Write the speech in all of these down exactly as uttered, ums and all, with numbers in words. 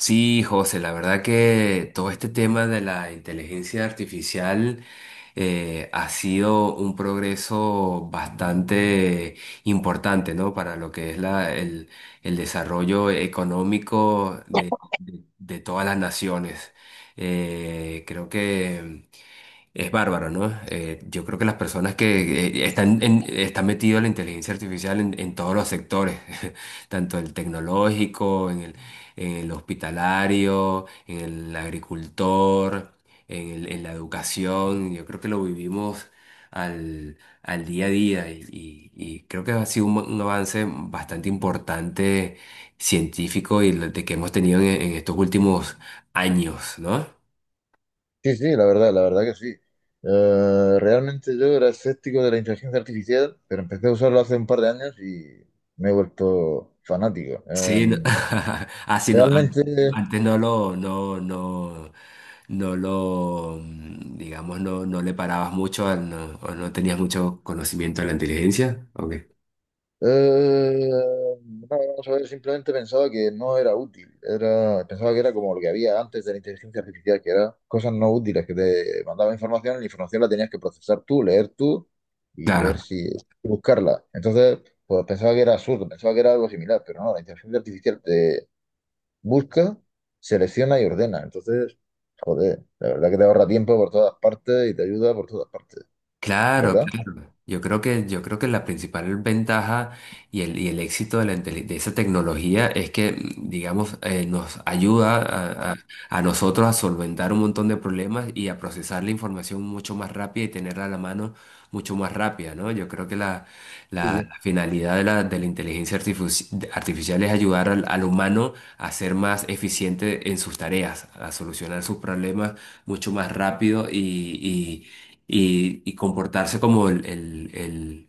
Sí, José, la verdad que todo este tema de la inteligencia artificial eh, ha sido un progreso bastante importante, ¿no? Para lo que es la, el, el desarrollo económico de, de- de todas las naciones. Eh, creo que es bárbaro, ¿no? Eh, yo creo que las personas que eh, están, en, están metidas en la inteligencia artificial en, en todos los sectores, tanto el tecnológico, en el, en el hospitalario, en el agricultor, en el- en la educación, yo creo que lo vivimos al, al día a día y, y- y creo que ha sido un, un avance bastante importante científico y lo de que hemos tenido en en estos últimos años, ¿no? Sí, sí, la verdad, la verdad que sí. Eh, realmente yo era escéptico de la inteligencia artificial, pero empecé a usarlo hace un par de años y me he vuelto fanático. Sí, Eh, no. Ah, sí, no, an- realmente, antes no lo, no, no, no lo, mm, digamos, no, no le parabas mucho al- no- o no tenías mucho conocimiento de la inteligencia. Ok, eh, no, vamos a ver, simplemente pensaba que no era útil. Era, pensaba que era como lo que había antes de la inteligencia artificial, que era cosas no útiles, que te mandaba información y la información la tenías que procesar tú, leer tú y ver claro. si buscarla. Entonces, pues pensaba que era absurdo, pensaba que era algo similar, pero no, la inteligencia artificial busca, selecciona y ordena. Entonces, joder, la verdad que te ahorra tiempo por todas partes y te ayuda por todas partes, Claro, ¿verdad? claro. Yo creo que, yo creo que la principal ventaja y el, y el éxito de, la, inteli- de esa tecnología es que, mm, digamos, eh, nos ayuda a, a- a nosotros a solventar un montón de problemas y a procesar la información mucho más rápida y tenerla a la mano mucho más rápida, ¿no? Yo creo que la, la- Sí, la finalidad de la, de la inteligencia artifici- artificial es ayudar al, al humano a ser más eficiente en sus tareas, a solucionar sus problemas mucho más rápido y y, y comportarse como el, el- el-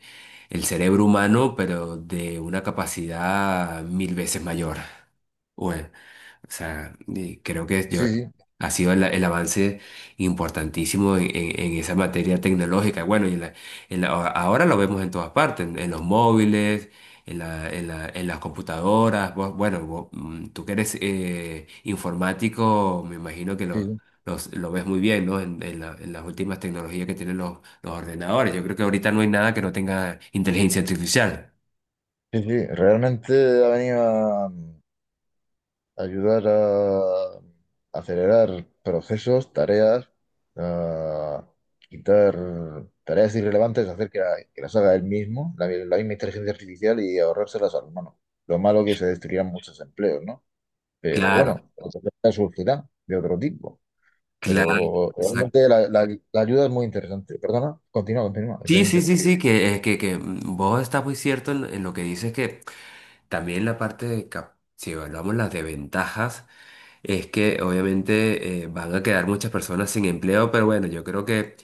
el cerebro humano, pero de una capacidad mil veces mayor. Bueno. O sea, y creo que yo, sí, sí, ha sido el, el avance importantísimo en, en- en esa materia tecnológica. Bueno, y en la- en la- ahora lo vemos en todas partes, en, en los móviles, en la- en la- en las computadoras. Vos- bueno, vos, mm, tú que eres eh, informático, me imagino que sí, lo, sí, los- lo ves muy bien, ¿no? En, en la- en las últimas tecnologías que tienen los, los ordenadores. Yo creo que ahorita no hay nada que no tenga inteligencia artificial. sí, sí, sí. Realmente ha venido a a ayudar a acelerar procesos, tareas, a quitar tareas irrelevantes, hacer que, la- que las haga él mismo, la, la misma inteligencia artificial y ahorrárselas al humano. Lo malo que se destruirán muchos empleos, ¿no? Pero Claro, bueno, otras surgirán de otro tipo. claro. Pero realmente la, la- la ayuda es muy interesante. Perdona, continúa, continúa, que te Sí, he sí, sí, interrumpido. sí, que, eh, que, que mm, vos estás muy cierto en, en lo que dices que también la parte de, cap- si evaluamos las desventajas, es que obviamente eh, van a quedar muchas personas sin empleo, pero bueno, yo creo que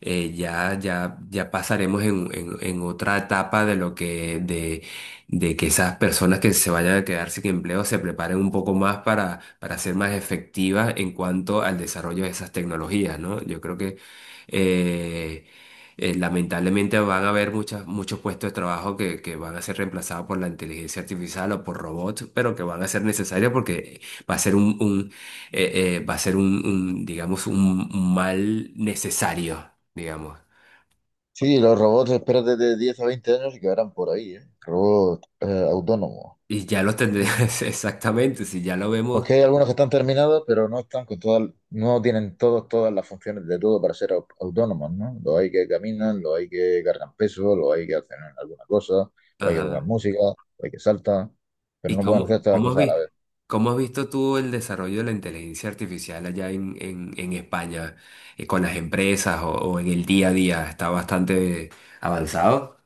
eh, ya, ya, ya pasaremos en, en- en otra etapa de lo que, de, de que esas personas que se vayan a quedar sin empleo se preparen un poco más para, para ser más efectivas en cuanto al desarrollo de esas tecnologías, ¿no? Yo creo que... eh, eh, lamentablemente van a haber muchas, muchos puestos de trabajo que, que van a ser reemplazados por la inteligencia artificial o por robots, pero que van a ser necesarios porque va a ser un, un, eh, eh, va a ser un, un, digamos, un un mal necesario, digamos. Sí, los robots, espérate de diez a veinte años y quedarán por ahí, ¿eh? Robots eh, autónomos. Y ya lo tendrías exactamente, si ya lo vemos. Porque hay algunos que están terminados, pero no están con todas, no tienen todos, todas las funciones de todo para ser au- autónomos, ¿no? Los hay que caminan, los hay que cargan peso, los hay que hacen alguna cosa, los hay que Ajá. tocar música, los hay que saltan, ¿Y pero no pueden hacer cómo, todas las cómo has cosas a la visto, vez. cómo has visto tú el desarrollo de la inteligencia artificial allá en, en, en España, eh, con las empresas o, o en el día a día? ¿Está bastante avanzado?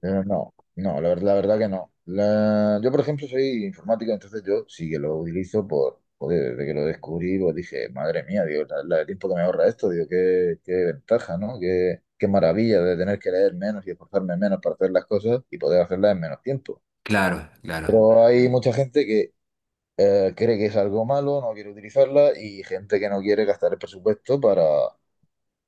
Pero no, no, la, ver- la verdad que no. La- yo, por ejemplo, soy informático, entonces yo sí que lo utilizo por, joder, desde que lo descubrí, pues dije, madre mía, digo, la, la- el tiempo que me ahorra esto, digo, qué, qué ventaja, ¿no? Qué, qué maravilla de tener que leer menos y esforzarme menos para hacer las cosas y poder hacerlas en menos tiempo. Claro, claro. Pero hay mucha gente que eh, cree que es algo malo, no quiere utilizarla y gente que no quiere gastar el presupuesto para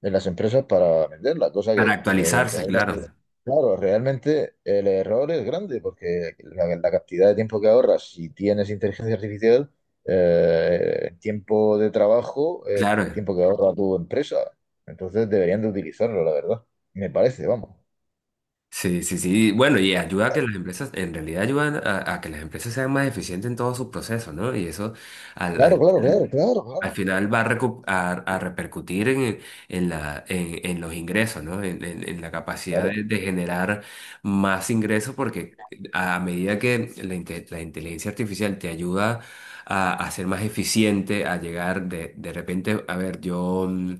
de las empresas para venderla, cosa Para que, eh, actualizarse, realme- claro. claro, realmente el error es grande porque la, la cantidad de tiempo que ahorras si tienes inteligencia artificial, eh, el tiempo de trabajo es Claro. tiempo que ahorra tu empresa. Entonces deberían de utilizarlo, la verdad. Me parece, vamos. Sí, sí, sí. Bueno, y ayuda a que las empresas, en realidad ayudan a, a que las empresas sean más eficientes en todo su proceso, ¿no? Y eso al, Claro, al, claro, claro, claro, al claro, final va a, recu- a- a repercutir en, en la, en, en los ingresos, ¿no? En, en- en la capacidad claro. de, de generar más ingresos porque a medida que la, inte- la inteligencia artificial te ayuda a, a ser más eficiente, a llegar de, de repente, a ver, yo, mm,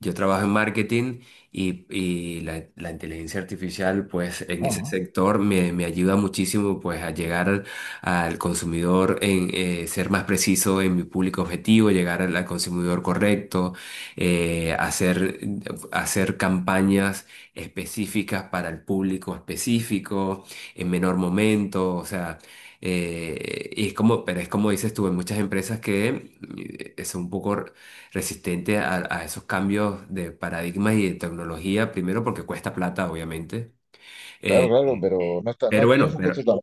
yo trabajo en marketing. Y, y la, la inteligencia artificial, pues en ese Ajá. sector me, me ayuda muchísimo pues a llegar al consumidor, en eh, ser más preciso en mi público objetivo, llegar al, al consumidor correcto, eh, hacer, hacer campañas específicas para el público específico, en menor momento, o sea, eh, y es como, pero es como dices tú, en muchas empresas que eh, son un poco resistente a, a esos cambios de paradigmas y de tecnología, primero porque cuesta plata, obviamente. Claro, Eh, claro, pero no está, no, pero no es bueno, un costo pero tan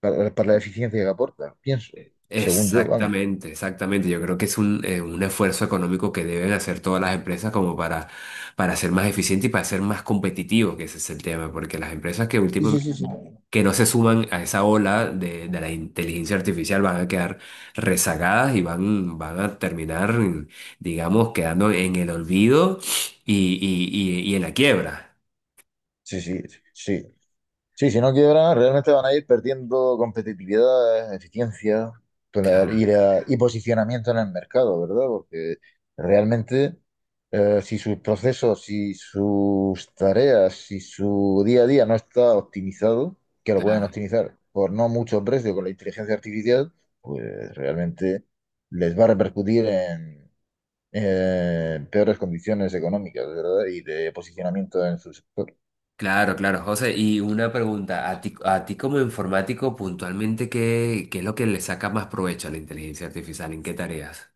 para, para la eficiencia que aporta, pienso, según yo, vamos. exactamente, exactamente. Yo creo que es un, eh, un esfuerzo económico que deben hacer todas las empresas como para, para ser más eficientes y para ser más competitivos, que ese es el tema, porque las empresas que Sí, último- sí, sí, sí. que no se suman a esa ola de, de la inteligencia artificial van a quedar rezagadas y van, van a terminar, digamos, quedando en el olvido y, y, y, y en la quiebra. Sí, sí, sí. Sí, si no quiebran, realmente van a ir perdiendo competitividad, eficiencia tola- Claro, y, la- y posicionamiento en el mercado, ¿verdad? Porque realmente eh, si sus procesos, si sus tareas, si su día a día no está optimizado, que lo pueden claro. optimizar por no mucho precio con la inteligencia artificial, pues realmente les va a repercutir en, en peores condiciones económicas, ¿verdad? Y de posicionamiento en su sector. Claro, claro, José. Y una pregunta, a ti, a ti como informático, puntualmente, ¿qué, qué es lo que le saca más provecho a la inteligencia artificial? ¿En qué tareas?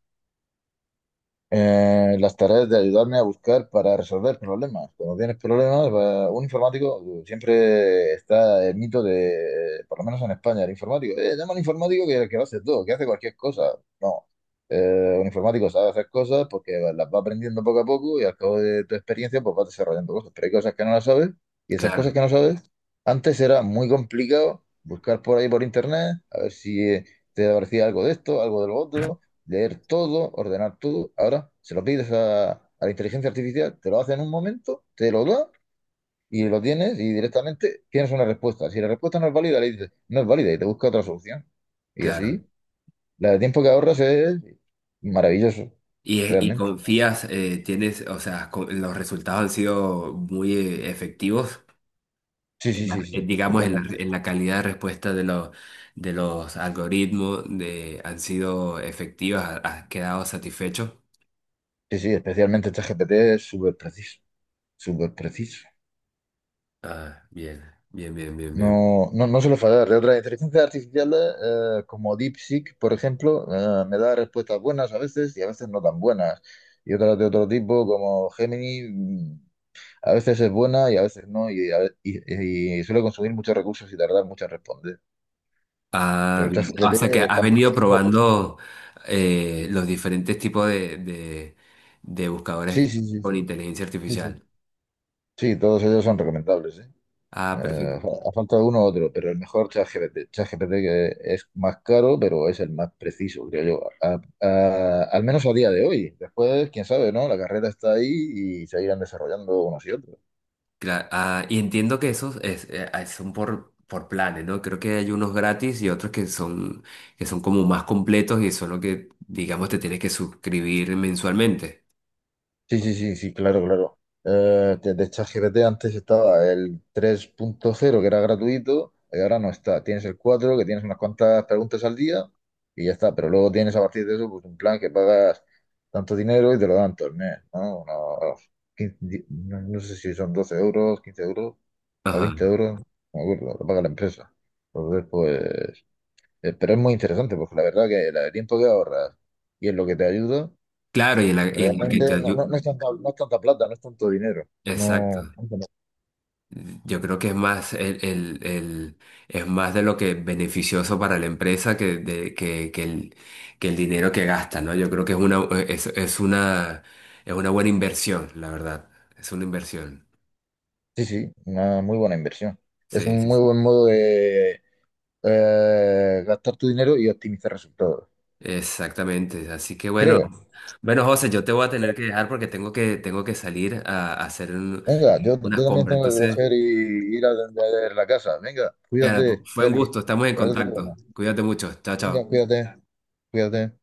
Eh, las tareas de ayudarme a buscar para resolver problemas. Cuando tienes problemas, va- un informático siempre está el mito de, eh, por lo menos en España, el informático. Eh, llama al informático que, que lo hace todo, que hace cualquier cosa. No. Eh, un informático sabe hacer cosas porque las va aprendiendo poco a poco y al cabo de tu experiencia pues vas desarrollando cosas. Pero hay cosas que no las sabes y esas Claro, cosas que no sabes, antes era muy complicado buscar por ahí por internet, a ver si eh, te aparecía algo de esto, algo de lo otro, leer todo, ordenar todo. Ahora se lo pides a, a la inteligencia artificial, te lo hace en un momento, te lo da y lo tienes y directamente tienes una respuesta. Si la respuesta no es válida, le dices, no es válida y te busca otra solución. Y claro. así, la de tiempo que ahorras es maravilloso, Y, eh, y realmente. confías, eh, tienes, o sea, co- los resultados han sido muy eh, efectivos, Sí, en sí, la- sí, eh, sí, digamos, en la, totalmente. en la calidad de respuesta de los, de los algoritmos, de, han sido efectivas, ha- ¿has quedado satisfecho? Sí, sí, especialmente este G P T es súper preciso, súper preciso. Ah, bien, bien, bien, bien, bien. No, no, no suele fallar. La otra inteligencia artificial, eh, como DeepSeek, por ejemplo, eh, me da respuestas buenas a veces y a veces no tan buenas. Y otras de otro tipo, como Gemini, mm, a veces es buena y a veces no, y, a ve- y- y suele consumir muchos recursos y tardar mucho en responder. Ah, Pero bien. O ChatGPT sea que has está. venido probando eh, los diferentes tipos de, de- de Sí, buscadores sí, sí, con sí, inteligencia sí, sí. artificial. Sí, todos ellos son recomendables, ¿eh? Ah, Eh, perfecto. Ha faltado uno u otro, pero el mejor ChatGPT. ChatGPT que es más caro, pero es el más preciso, creo yo. A- a- al menos a día de hoy. Después, quién sabe, ¿no? La carrera está ahí y se irán desarrollando unos y otros. Cla- ah, y entiendo que esos es- eh, ah, son por, por planes, ¿no? Creo que hay unos gratis y otros que son, que son como más completos y son los que, digamos, te tienes que suscribir mensualmente. Sí, sí, sí, sí, claro, claro. Eh, de de ChatGPT antes estaba el tres punto cero que era gratuito y ahora no está. Tienes el cuatro que tienes unas cuantas preguntas al día y ya está. Pero luego tienes a partir de eso pues un plan que pagas tanto dinero y te lo dan todo el mes, ¿no? Unos quince di- no no sé si son doce euros, quince euros o Ajá. veinte euros, no me acuerdo, lo paga la empresa. Entonces, pues, eh, pero es muy interesante porque la verdad que el tiempo que ahorras y en lo que te ayuda. Claro, y en la, y en lo Realmente que te increíble. No, ayuda. no- no es tanta, no es tanta plata, no es tanto dinero. Exacto. No, tanto no. Yo creo que es más el, el- el- es más de lo que beneficioso para la empresa que, de- que, que el, que el dinero que gasta, ¿no? Yo creo que es una, es, es una, es una buena inversión, la verdad. Es una inversión. Sí, sí, una muy buena inversión. Es Sí, un sí, muy sí. buen modo de eh, gastar tu dinero y optimizar resultados. Exactamente. Así que bueno, Creo. bueno, José, yo te voy a tener que dejar porque tengo que, tengo que salir a, a hacer un- Venga, yo, yo unas también compras. tengo que Entonces, coger y ir a atender la casa. Venga, ya, cuídate, fue un Félix. gusto, estamos en Que vaya todo bien. contacto. Cuídate mucho. Chao, Venga, chao. cuídate, cuídate.